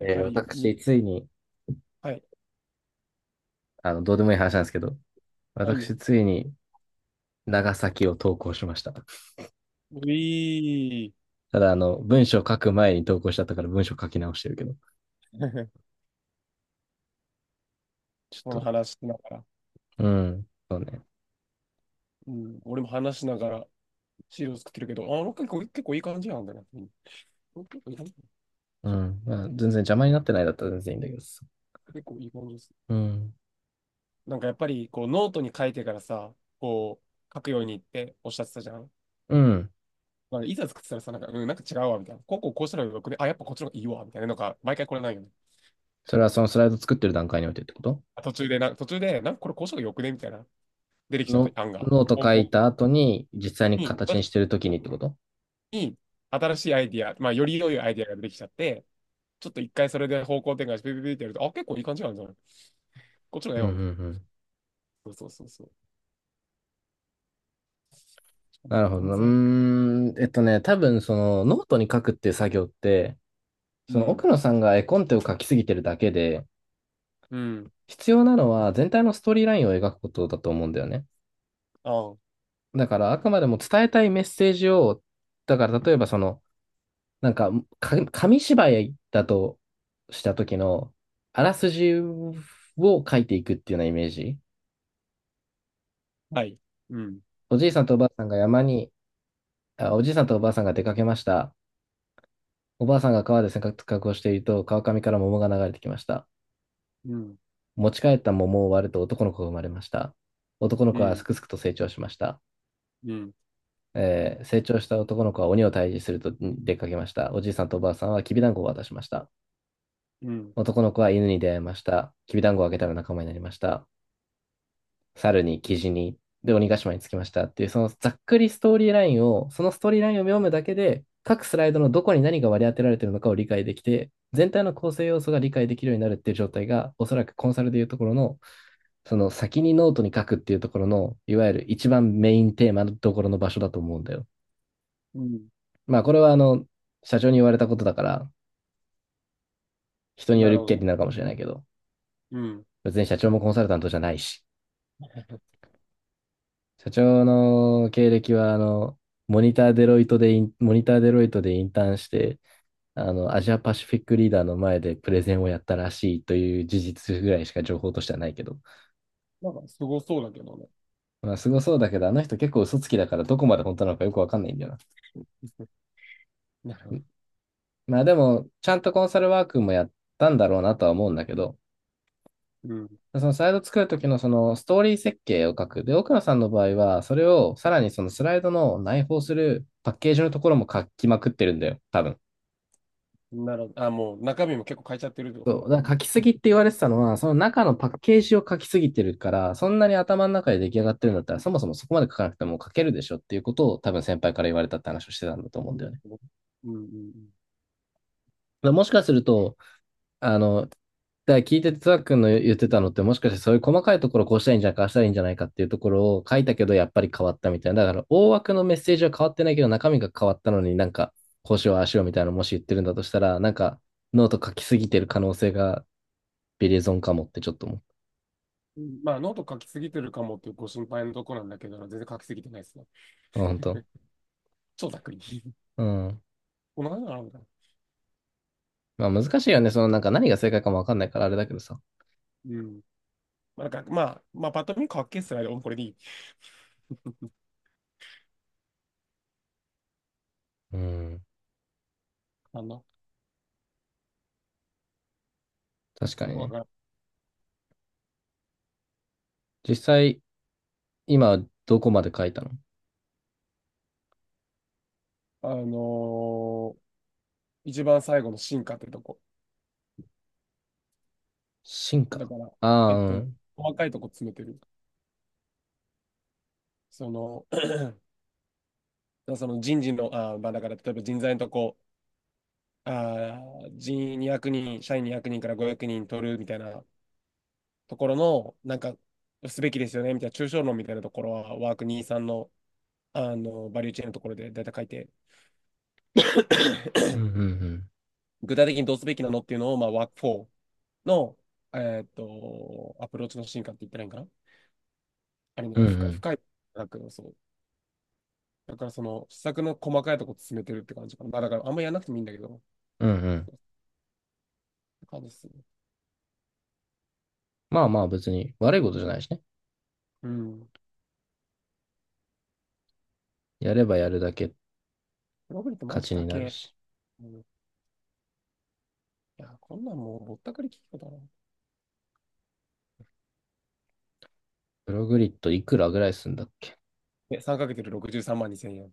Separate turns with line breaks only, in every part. やっぱり、
私、ついに、
はい。
どうでもいい話なんですけど、
あい
私、
よ。
ついに長崎を投稿しました。
うい
ただ、文章書く前に投稿しちゃったから文章書き直してるけど、
ー。
ちょっ
この
と、
話しながら。
うん、そうね。
うん。俺も話しながら資料作ってるけど、あ、なんか結構いい感じなんだな。うん。結構いい感じ
うん、まあ、全然邪魔になってないだったら全然いいんだけどさ。
結構いい感じです。
うん、
なんかやっぱり、こう、ノートに書いてからさ、こう、書くようにっておっしゃってたじゃん。
うん。
まあ、いざ作ってたらさ、なんか、うん、なんか違うわ、みたいな。こうこうこうしたらよくね。あ、やっぱこっちの方がいいわ、みたいな。なんか、毎回これないよね。
それはそのスライド作ってる段階においてってこと
途中で、なんかこれこうしたらよくね、みたいな。出てきちゃっ
の、
た案が。
ノート
ボ
書
ンボン。
いた後に、実際に
に
形にしてる時にってこと、
に、新しいアイディア、まあ、より良いアイディアが出てきちゃって、ちょっと一回それで方向転換して、ピピピってやると、あ、結構いい感じなんじゃない？こっちの
う
絵
ん、うん、
はみたい
うん。
な。そうそうそうそう。
なるほど
全
な。
然。
多分そのノートに書くっていう作業って、
う
その
ん、
奥野さんが絵コンテを描きすぎてるだけで、
うん、
必要なのは全体のストーリーラインを描くことだと思うんだよね。
ああ、
だからあくまでも伝えたいメッセージを、だから例えばその、なんか、か紙芝居だとした時の、あらすじを書いていくっていうようなイメージ。
はい。うん、
おじいさんとおばあさんが山に、あ、おじいさんとおばあさんが出かけました。おばあさんが川で洗濯をしていると、川上から桃が流れてきました。
うん、
持ち帰った桃を割ると男の子が生まれました。男の
う
子は
ん、
すくすくと成長しました。
うん、
成長した男の子は鬼を退治すると出かけました。おじいさんとおばあさんはきびだんごを渡しました。
うん、
男の子は犬に出会いました。きびだんごをあげたら仲間になりました。猿に、キジに、で、鬼ヶ島に着きましたっていう、そのざっくりストーリーラインを、そのストーリーラインを読むだけで、各スライドのどこに何が割り当てられているのかを理解できて、全体の構成要素が理解できるようになるっていう状態が、おそらくコンサルでいうところの、その先にノートに書くっていうところの、いわゆる一番メインテーマのところの場所だと思うんだよ。
うん。
まあ、これは社長に言われたことだから、人によ
なる
る
ほ
権
ど
利
ね。
なのかもしれないけど、
うん。
別に社長もコンサルタントじゃないし、社長の経歴は、モニターデロイトでインターンして、アジアパシフィックリーダーの前でプレゼンをやったらしいという事実ぐらいしか情報としてはないけど。
なんか、すごそうだけどね。
まあ、すごそうだけど、あの人結構嘘つきだからどこまで本当なのかよくわかんないんだよな。
なるほど。
まあでも、ちゃんとコンサルワークもやったんだろうなとは思うんだけど、
う
そのスライド作るときのそのストーリー設計を書く。で、奥野さんの場合は、それをさらにそのスライドの内包するパッケージのところも書きまくってるんだよ、多分。
ん。なるほど。あ、もう中身も結構変えちゃってるってことね？
そう。だから書きすぎって言われてたのは、その中のパッケージを書きすぎてるから、そんなに頭の中で出来上がってるんだったら、そもそもそこまで書かなくても書けるでしょっていうことを多分先輩から言われたって話をしてたんだと思
う
うん
ん。な
だ
る
よね。だか
ほどね。うん、うん、
らもしかすると、あの、だから聞いてて、つわくんの言ってたのって、もしかしてそういう細かいところこうしたらいいんじゃないか、ああしたらいいんじゃないかっていうところを書いたけど、やっぱり変わったみたいな。だから、大枠のメッセージは変わってないけど、中身が変わったのになんか、こうしよう、ああしようみたいなのもし言ってるんだとしたら、なんか、ノート書きすぎてる可能性がビリゾンかもってちょっと思
うん。まあ、ノート書きすぎてるかもっていうご心配のとこなんだけど、全然書きすぎてないですね。
う。あ本当。
超ざっくり。
うん。
同じなのかな？
まあ難しいよね。そのなんか何が正解かもわかんないからあれだけどさ。
うん。まあ、なんか、まあ、まあ、パッと見かっけえっすね。でもこれでいい。
うん。
あの、
確かに
わ
ね。
かる。
実際、今どこまで書いたの、
あのー一番最後の進化ってとこ。
進
だ
化。
から、
ああ、
えっ
う
とね、
ん。
細かいとこ詰めてる。その、その人事の、まあ、だから、例えば人材のとこ、あ200人、社員200人から500人取るみたいなところの、なんか、すべきですよね、みたいな、抽象論みたいなところは、ワークにじゅうさんの、あの、バリューチェーンのところで大体書いて、
うん うんうん。
具体的にどうすべきなのっていうのを、まあ、ワーク4の、えアプローチの進化って言ったらいいんかな。あれ
うん
ね、
う
深い
ん
深い。だけど、そう。だから、その、施策の細かいとこ進めてるって感じかな。まあ、だから、あんまやらなくてもいいんだけど、っ
うんうん。
て感じですね。
まあまあ別に悪いことじゃないしね。
うん。
やればやるだけ
プログリってマ
勝
ジ
ち
だ
になる
け。
し。
うん。いや、こんなんもうぼったくり聞くことだな。
プログリッドいくらぐらいすんだっけ、
で、3か月で63万2千円。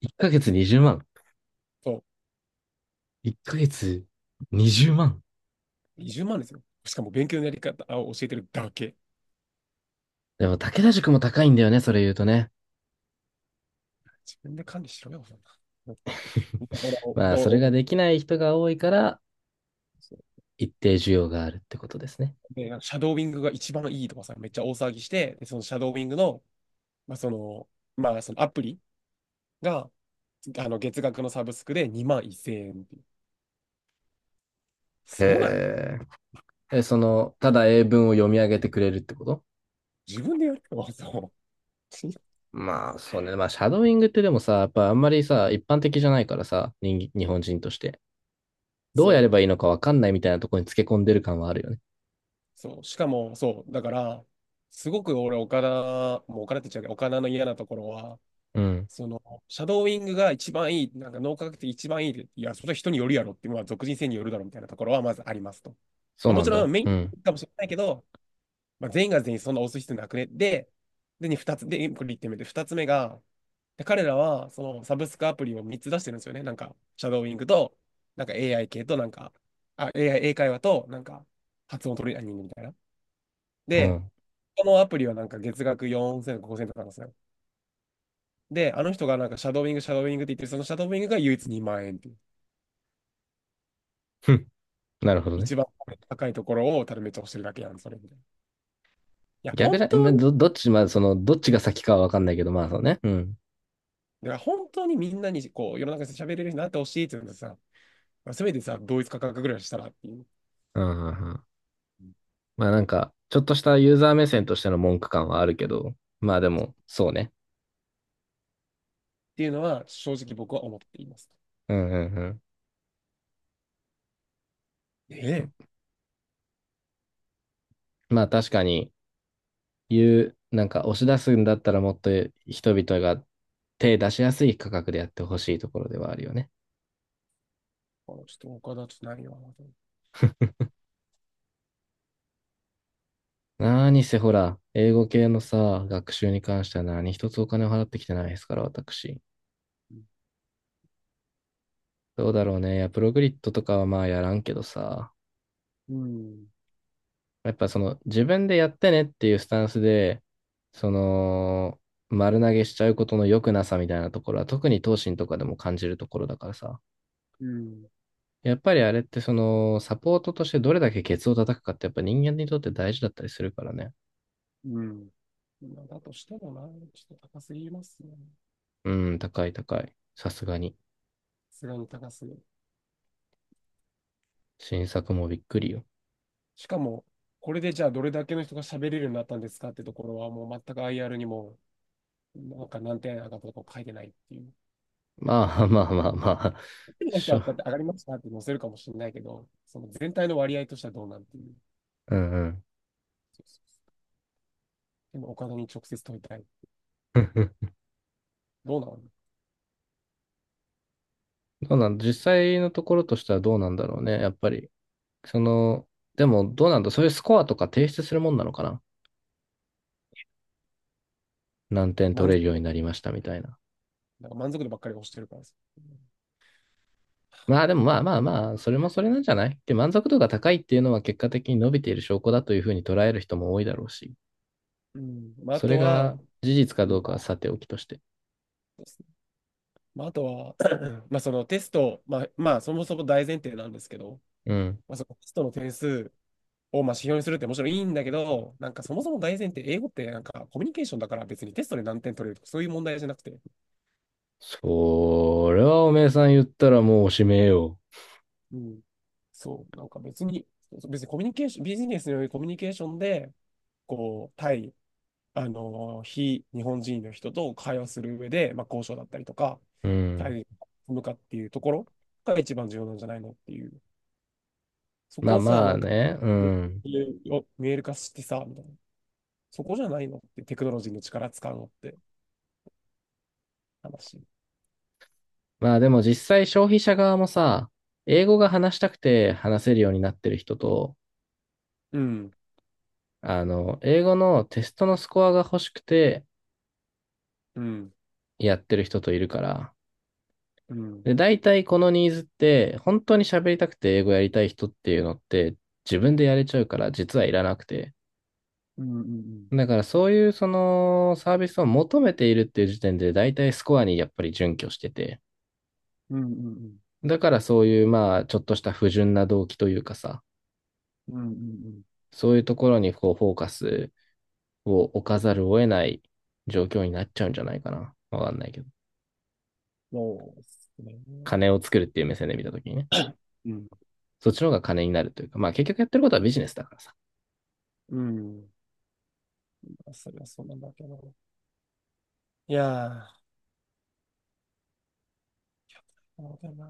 1ヶ月20万。
そう。
1ヶ月20万。
20万ですよ。しかも勉強のやり方を教えてるだけ。
でも武田塾も高いんだよね、それ言うとね。
自分で管理しろよ。
まあそれが できない人が多いから一定需要があるってことですね。
で、なんかシャドーウィングが一番いいとかさ、めっちゃ大騒ぎして、で、そのシャドーウィングの、まあ、その、まあ、そのアプリが、月額のサブスクで2万1000円っていう。
へ
すごない？
え。え、その、ただ英文を読み上げてくれるってこと、
自分でやるの？そう。
まあそうね。まあシャドウイングってでもさ、やっぱあんまりさ、一般的じゃないからさ、人、日本人として。どうや
そう
れば
ね。
いいのかわかんないみたいなところにつけ込んでる感はあるよね。
そう。しかも、そう。だから、すごく俺、岡田、もう岡田って言っちゃうけど、岡田の嫌なところは、
うん。
その、シャドーウィングが一番いい、なんか脳科学的一番いいって、いや、それは人によるやろって、まあ、俗人性によるだろみたいなところはまずありますと。
そ
ま
う
あ、も
なん
ちろ
だ。
んメイ
うん。
ンかもしれないけど、まあ、全員が全員そんな押す必要なくね。で、に二つ、で、これ1点目で、2つ目が、で彼らは、そのサブスクアプリを3つ出してるんですよね。なんか、シャドーイングと、なんか AI 系と、なんか、あ、AI、英会話と、なんか、発音トレーニングみたいな。
う
で、
ん。
このアプリはなんか月額4000、5000とかなんですよ。で、あの人がなんかシャドーイング、シャドーイングって言ってる、そのシャドーイングが唯一2万円っていう。
なるほど
一
ね。
番高いところをただめっちゃ押してるだけやん、それみたいな。いや、
逆じ
本
ゃ、
当
ん
に、
ど、どっち、まあ、その、どっちが先かはわかんないけど、まあそうね。うん。
だから本当にみんなにこう世の中で喋れるようになってほしいって言うんですさ、まあせめてさ、同一価格ぐらいしたらっていう。う
うんうんうん。
ん。
まあなんか、ちょっとしたユー
っ
ザー目線としての文句感はあるけど、まあでも、そうね。
ていうのは、正直僕は思っています。
うんうんうん。
ねえ
まあ確かに、言う、なんか押し出すんだったらもっと人々が手出しやすい価格でやってほしいところではあるよね。
ー。ちょっと他だとないよ
何せほら、英語系のさ、学習に関しては何一つお金を払ってきてないですから、私。
な。
どうだろうね。いや、プログリッドとかはまあやらんけどさ、
うん。
やっぱその自分でやってねっていうスタンスで、その、丸投げしちゃうことの良くなさみたいなところは、特に東進とかでも感じるところだからさ。
うん。
やっぱりあれってその、サポートとしてどれだけケツを叩くかってやっぱ人間にとって大事だったりするからね。
うん。だとしてもな、ちょっと高すぎますね。
うん、高い高い。さすがに。
さすがに高すぎる。
新作もびっくりよ。
しかも、これでじゃあどれだけの人が喋れるようになったんですかってところは、もう全く IR にも、なんか何点上がったとか書いてないっていう。
まあまあまあまあ、
一人の人
し
は
ょ、
こうやって上がりましたって載せるかもしれないけど、その全体の割合としてはどうなんてい
うんうん。
う。でもお金に直接問いたい。どうなの？
どうなん、実際のところとしてはどうなんだろうね、やっぱり。その、でもどうなんだ、そういうスコアとか提出するもんなのかな。何点取
満足
れるように
度、
なりましたみたいな。
なんか満足度ばっかり押してるからさ。
まあでもまあまあまあ、それもそれなんじゃないで、満足度が高いっていうのは結果的に伸びている証拠だというふうに捉える人も多いだろうし、
うん。まあ、あ
それ
とは、
が事実か
う
ど
ん。
うかは
そ
さておきとして。
うですね。まあ、あとは、まあ、そのテスト、まあ、まあ、そもそも大前提なんですけど、
うん。
まあ、そのテストの点数をまあ指標にするってもちろんいいんだけど、なんかそもそも大前提、英語ってなんかコミュニケーションだから別にテストで何点取れるとかそういう問題じゃなくて、
それはおめえさん言ったらもうおしめえよ。
うん。そう、なんか別にコミュニケーション、ビジネスによるコミュニケーションで、こう、対あの、非日本人の人と会話する上で、まあ、交渉だったりとか、
う
対
ん。
立すかっていうところが一番重要なんじゃないのっていう。そ
ま
こ
あ
をさ、
ま
な
あ
んか、
ね、うん。
見える化してさ、みたいな。そこじゃないのってテクノロジーの力使うのって話。
まあでも実際消費者側もさ、英語が話したくて話せるようになってる人と、
うん、
あの、英語のテストのスコアが欲しくて
うん、
やってる人といるから、
うん、
で、大体このニーズって、本当に喋りたくて英語やりたい人っていうのって、自分でやれちゃうから、実はいらなくて。
うん、うん、うん、
だからそういうそのサービスを求めているっていう時点で、大体スコアにやっぱり準拠してて、
うん、うん、
だからそういうまあ、ちょっとした不純な動機というかさ、
うん、うん、うん。
そういうところにこうフォーカスを置かざるを得ない状況になっちゃうんじゃないかな。わかんないけど。
そうですね。
金を作るっていう目線で見たときにね。
うん、
そっちの方が金になるというか、まあ結局やってることはビジネスだからさ。
うん。それはそうなんだけど。いやー、そうだな。